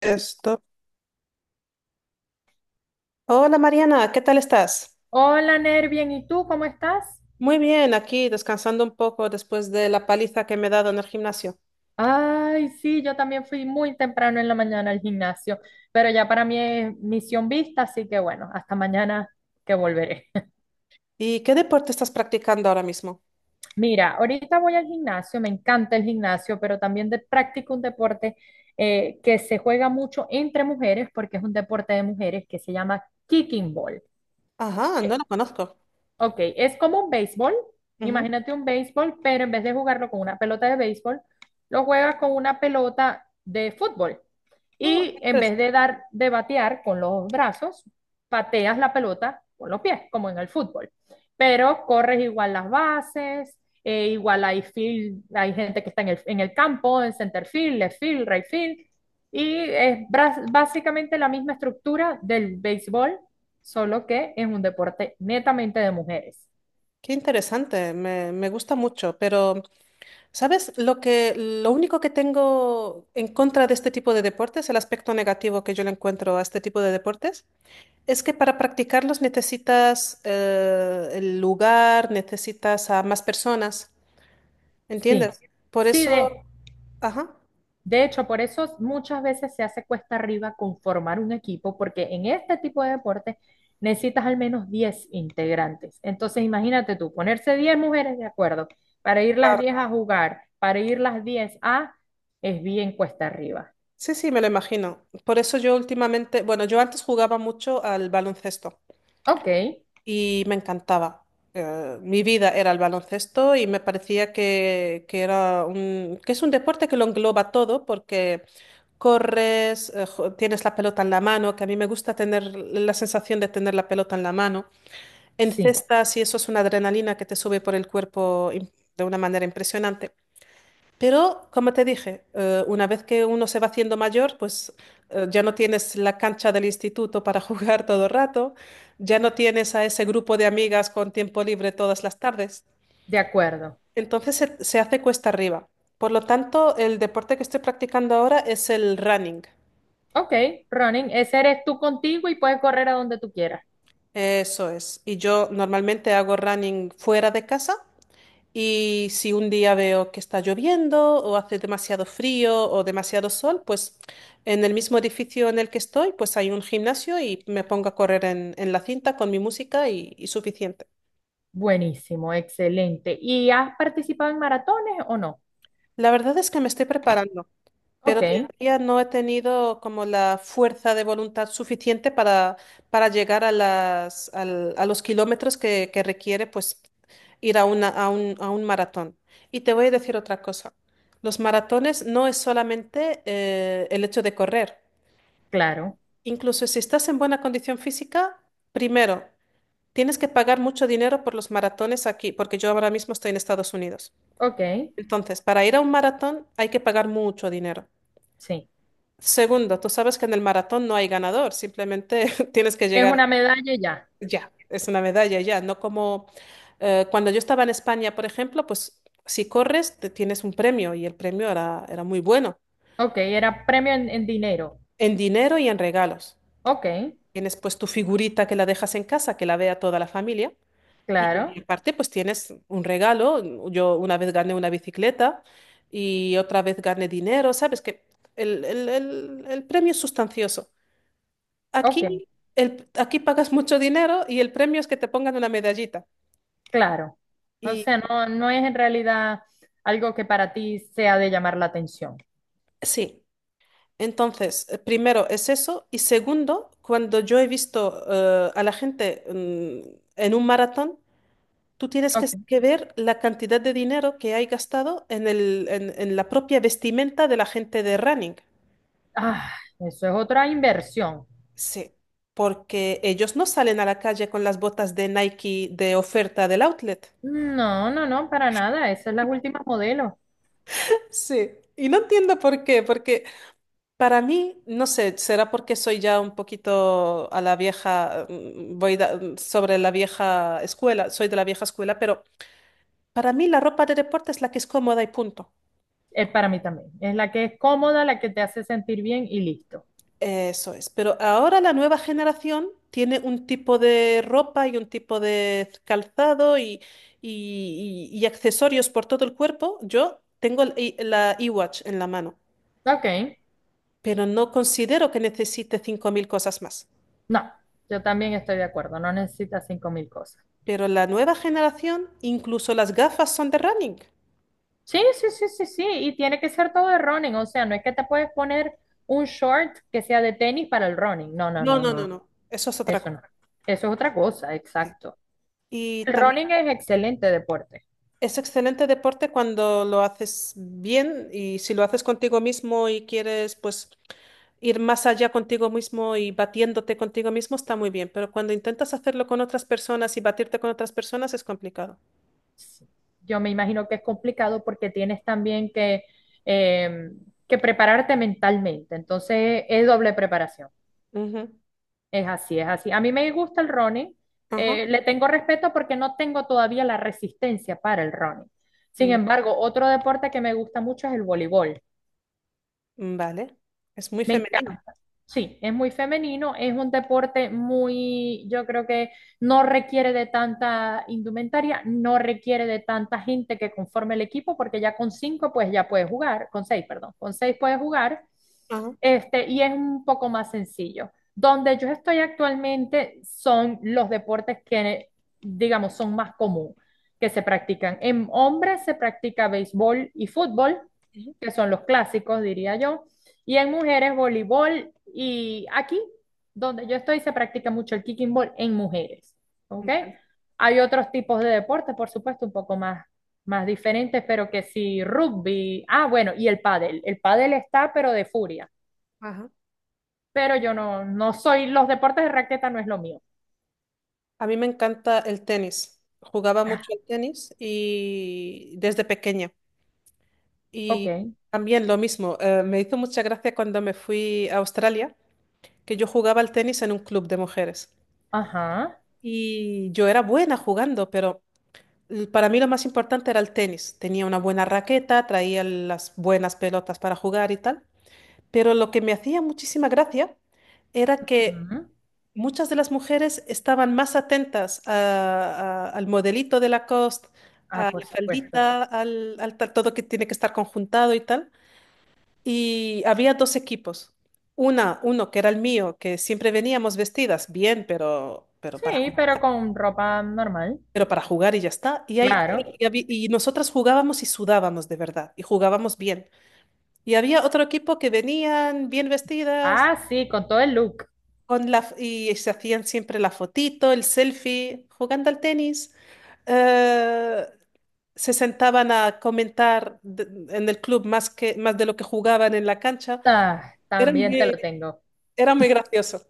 Esto. Hola Mariana, ¿qué tal estás? Hola, Ner, bien, ¿y tú cómo estás? Muy bien, aquí descansando un poco después de la paliza que me he dado en el gimnasio. Ay, sí, yo también fui muy temprano en la mañana al gimnasio, pero ya para mí es misión vista, así que bueno, hasta mañana que volveré. ¿Y qué deporte estás practicando ahora mismo? Mira, ahorita voy al gimnasio, me encanta el gimnasio, pero también practico un deporte que se juega mucho entre mujeres, porque es un deporte de mujeres que se llama kicking ball. Ajá, no lo conozco. Ok, es como un béisbol. Ujú. Imagínate un béisbol, pero en vez de jugarlo con una pelota de béisbol, lo juegas con una pelota de fútbol. Oh, Y qué en interes- vez de de batear con los brazos, pateas la pelota con los pies, como en el fútbol. Pero corres igual las bases, igual hay field, hay gente que está en el campo, en center field, left field, right field. Y es básicamente la misma estructura del béisbol, solo que es un deporte netamente de mujeres. Qué interesante, me gusta mucho, pero ¿sabes lo único que tengo en contra de este tipo de deportes, el aspecto negativo que yo le encuentro a este tipo de deportes, es que para practicarlos necesitas el lugar, necesitas a más personas? Sí, ¿Entiendes? Por sí. eso, ajá, De hecho, por eso muchas veces se hace cuesta arriba conformar un equipo, porque en este tipo de deporte necesitas al menos 10 integrantes. Entonces, imagínate tú, ponerse 10 mujeres de acuerdo para ir las claro. diez a jugar, para ir las 10 a, es bien cuesta arriba. Sí, sí, me lo imagino. Por eso yo últimamente, bueno, yo antes jugaba mucho al baloncesto Ok, y me encantaba. Mi vida era el baloncesto y me parecía que era que es un deporte que lo engloba todo porque corres, tienes la pelota en la mano, que a mí me gusta tener la sensación de tener la pelota en la mano. sí, Encestas y eso es una adrenalina que te sube por el cuerpo de una manera impresionante. Pero, como te dije, una vez que uno se va haciendo mayor, pues ya no tienes la cancha del instituto para jugar todo el rato, ya no tienes a ese grupo de amigas con tiempo libre todas las tardes. de acuerdo. Entonces se hace cuesta arriba. Por lo tanto, el deporte que estoy practicando ahora es el running. Ok, running, ese eres tú contigo y puedes correr a donde tú quieras. Eso es. Y yo normalmente hago running fuera de casa. Y si un día veo que está lloviendo o hace demasiado frío o demasiado sol, pues en el mismo edificio en el que estoy, pues hay un gimnasio y me pongo a correr en la cinta con mi música y suficiente. Buenísimo, excelente. ¿Y has participado en maratones o no? La verdad es que me estoy preparando. Pero Ok, todavía no he tenido como la fuerza de voluntad suficiente para llegar a a los kilómetros que requiere pues ir a a un maratón. Y te voy a decir otra cosa. Los maratones no es solamente el hecho de correr. claro. Incluso si estás en buena condición física, primero, tienes que pagar mucho dinero por los maratones aquí, porque yo ahora mismo estoy en Estados Unidos. Ok, Entonces, para ir a un maratón hay que pagar mucho dinero. sí. Segundo, tú sabes que en el maratón no hay ganador, simplemente tienes que Es llegar una medalla y ya. ya, es una medalla ya, no como cuando yo estaba en España, por ejemplo, pues si corres te tienes un premio y el premio era muy bueno, Ok, era premio en dinero. en dinero y en regalos. Ok, Tienes pues tu figurita que la dejas en casa, que la vea toda la familia y claro. aparte pues tienes un regalo, yo una vez gané una bicicleta y otra vez gané dinero, sabes que el premio es sustancioso. Ok, Aquí, aquí pagas mucho dinero y el premio es que te pongan una medallita. claro. O Y sea, no, no es en realidad algo que para ti sea de llamar la atención. sí, entonces, primero es eso. Y segundo, cuando yo he visto a la gente en un maratón, tú tienes Ok. que ver la cantidad de dinero que hay gastado en la propia vestimenta de la gente de running. Ah, eso es otra inversión. Sí, porque ellos no salen a la calle con las botas de Nike de oferta del outlet. No, no, no, para nada. Esa es la última modelo. Sí, y no entiendo por qué, porque para mí, no sé, será porque soy ya un poquito a la vieja, sobre la vieja escuela, soy de la vieja escuela, pero para mí la ropa de deporte es la que es cómoda y punto. Es para mí también. Es la que es cómoda, la que te hace sentir bien y listo. Eso es. Pero ahora la nueva generación tiene un tipo de ropa y un tipo de calzado y accesorios por todo el cuerpo. Yo tengo la iWatch en la mano, Ok, pero no considero que necesite 5000 cosas más. no, yo también estoy de acuerdo. No necesitas 5.000 cosas. Pero la nueva generación, incluso las gafas son de running. Sí, sí, sí, sí, sí, y tiene que ser todo de running, o sea, no es que te puedes poner un short que sea de tenis para el running, no, no, No, no, no, no, no, no. Eso es otra eso cosa. no, eso es otra cosa, Sí. exacto. Y El también running es excelente deporte. es excelente deporte cuando lo haces bien y si lo haces contigo mismo y quieres pues ir más allá contigo mismo y batiéndote contigo mismo está muy bien, pero cuando intentas hacerlo con otras personas y batirte con otras personas es complicado. Sí. Yo me imagino que es complicado porque tienes también eh, que prepararte mentalmente, entonces es doble preparación. Ujú. Es así, es así. A mí me gusta el running. Ajá. Le tengo respeto porque no tengo todavía la resistencia para el running. Sin Va- embargo, otro deporte que me gusta mucho es el voleibol. Vale. Es muy Me femenino. encanta. Sí, es muy femenino, es un deporte muy, yo creo que no requiere de tanta indumentaria, no requiere de tanta gente que conforme el equipo, porque ya con cinco pues ya puedes jugar, con seis, perdón, con seis puedes jugar, Ajá. Y es un poco más sencillo. Donde yo estoy actualmente son los deportes que, digamos, son más común que se practican. En hombres se practica béisbol y fútbol Ujú. que son los clásicos, diría yo. Y en mujeres, voleibol. Y aquí, donde yo estoy, se practica mucho el kicking ball en mujeres. ¿Ok? Vale. Hay otros tipos de deportes, por supuesto, un poco más diferentes, pero que sí, rugby. Ah, bueno, y el pádel. El pádel está, pero de furia. Ajá. Pero yo no soy, los deportes de raqueta no es lo mío. A mí me encanta el tenis. Jugaba mucho al tenis y desde pequeña. Ok. Y también lo mismo, me hizo mucha gracia cuando me fui a Australia, que yo jugaba al tenis en un club de mujeres. Ajá. Y yo era buena jugando, pero para mí lo más importante era el tenis. Tenía una buena raqueta, traía las buenas pelotas para jugar y tal. Pero lo que me hacía muchísima gracia era que Ujú. muchas de las mujeres estaban más atentas al modelito de Lacoste, a Ah, por la supuesto. faldita, todo que tiene que estar conjuntado y tal. Y había dos equipos. Uno que era el mío, que siempre veníamos vestidas bien, Sí, pero con ropa normal. pero para jugar y ya está. Claro. Y nosotras jugábamos y sudábamos de verdad, y jugábamos bien. Y había otro equipo que venían bien vestidas. Ah, sí, con todo el look. Con y se hacían siempre la fotito, el selfie, jugando al tenis. Eh, Se sentaban a en el club más más de lo que jugaban en la cancha. Ah, Era también te muy, lo tengo. Era muy gracioso.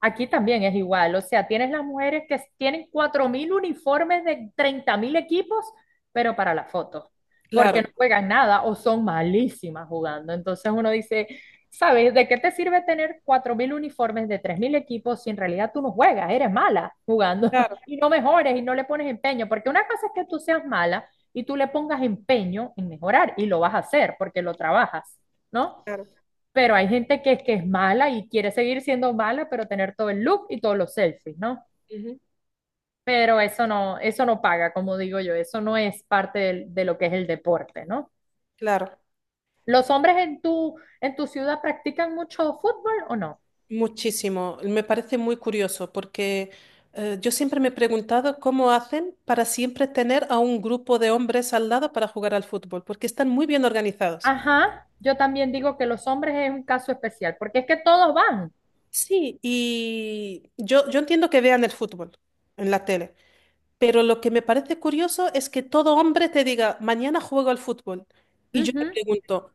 Aquí también es igual, o sea, tienes las mujeres que tienen 4.000 uniformes de 30.000 equipos, pero para la foto, Claro, porque no juegan nada o son malísimas jugando. Entonces uno dice, ¿sabes? ¿De qué te sirve tener 4.000 uniformes de 3.000 equipos si en realidad tú no juegas, eres mala jugando claro, y no mejores y no le pones empeño? Porque una cosa es que tú seas mala y tú le pongas empeño en mejorar y lo vas a hacer porque lo trabajas, ¿no? claro. Pero hay gente que es mala y quiere seguir siendo mala, pero tener todo el look y todos los selfies, ¿no? Ujú. Pero eso no paga, como digo yo, eso no es parte lo que es el deporte, ¿no? Claro, ¿Los hombres en tu ciudad practican mucho fútbol o no? muchísimo. Me parece muy curioso porque yo siempre me he preguntado cómo hacen para siempre tener a un grupo de hombres al lado para jugar al fútbol, porque están muy bien organizados. Ajá, yo también digo que los hombres es un caso especial, porque es que todos van. Sí, yo entiendo que vean el fútbol en la tele, pero lo que me parece curioso es que todo hombre te diga, mañana juego al fútbol. Y yo te Ujú. pregunto,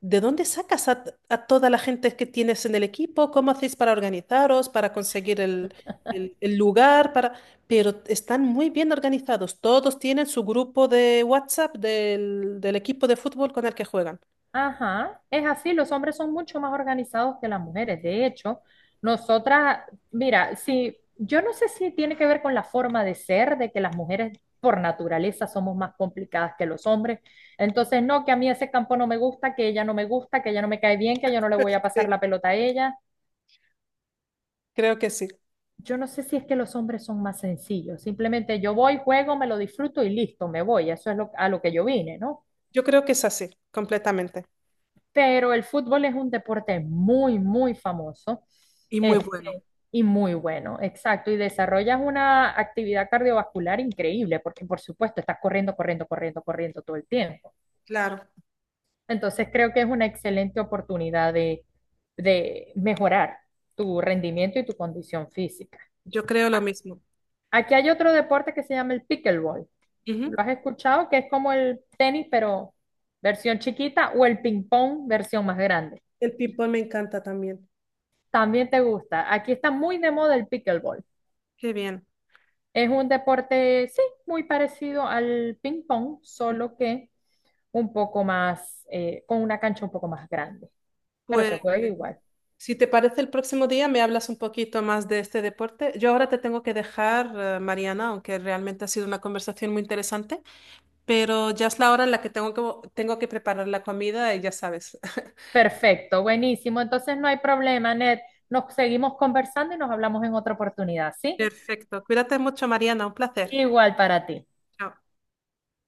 ¿de dónde sacas a toda la gente que tienes en el equipo? ¿Cómo hacéis para organizaros, para conseguir el lugar? Para... Pero están muy bien organizados. Todos tienen su grupo de WhatsApp del equipo de fútbol con el que juegan. Ajá, es así, los hombres son mucho más organizados que las mujeres. De hecho, nosotras, mira, si yo no sé si tiene que ver con la forma de ser, de que las mujeres por naturaleza somos más complicadas que los hombres. Entonces, no, que a mí ese campo no me gusta, que ella no me gusta, que ella no me cae bien, que yo no le voy a Sí, pasar la pelota a ella. creo que sí. Yo no sé si es que los hombres son más sencillos. Simplemente yo voy, juego, me lo disfruto y listo, me voy. Eso es a lo que yo vine, ¿no? Yo creo que es así, completamente. Pero el fútbol es un deporte muy, muy famoso, Y muy bueno. este, y muy bueno, exacto, y desarrollas una actividad cardiovascular increíble, porque por supuesto estás corriendo, corriendo, corriendo, corriendo todo el tiempo. Claro, Entonces creo que es una excelente oportunidad de mejorar tu rendimiento y tu condición física. yo creo lo A- mismo. Aquí hay otro deporte que se llama el pickleball. Ujú. ¿Lo has escuchado? Que es como el tenis, pero versión chiquita, o el ping pong, versión más grande. El ping-pong me encanta también. También te gusta. Aquí está muy de moda el pickleball. Qué bien. Es un deporte, sí, muy parecido al ping pong, solo que un poco más, con una cancha un poco más grande, pero se Pues, juega igual. si te parece, el próximo día me hablas un poquito más de este deporte. Yo ahora te tengo que dejar, Mariana, aunque realmente ha sido una conversación muy interesante, pero ya es la hora en la que tengo tengo que preparar la comida y ya sabes. Perfecto, buenísimo. Entonces no hay problema, Ned. Nos seguimos conversando y nos hablamos en otra oportunidad, ¿sí? Perfecto. Cuídate mucho, Mariana. Un placer. Igual para ti. Chao.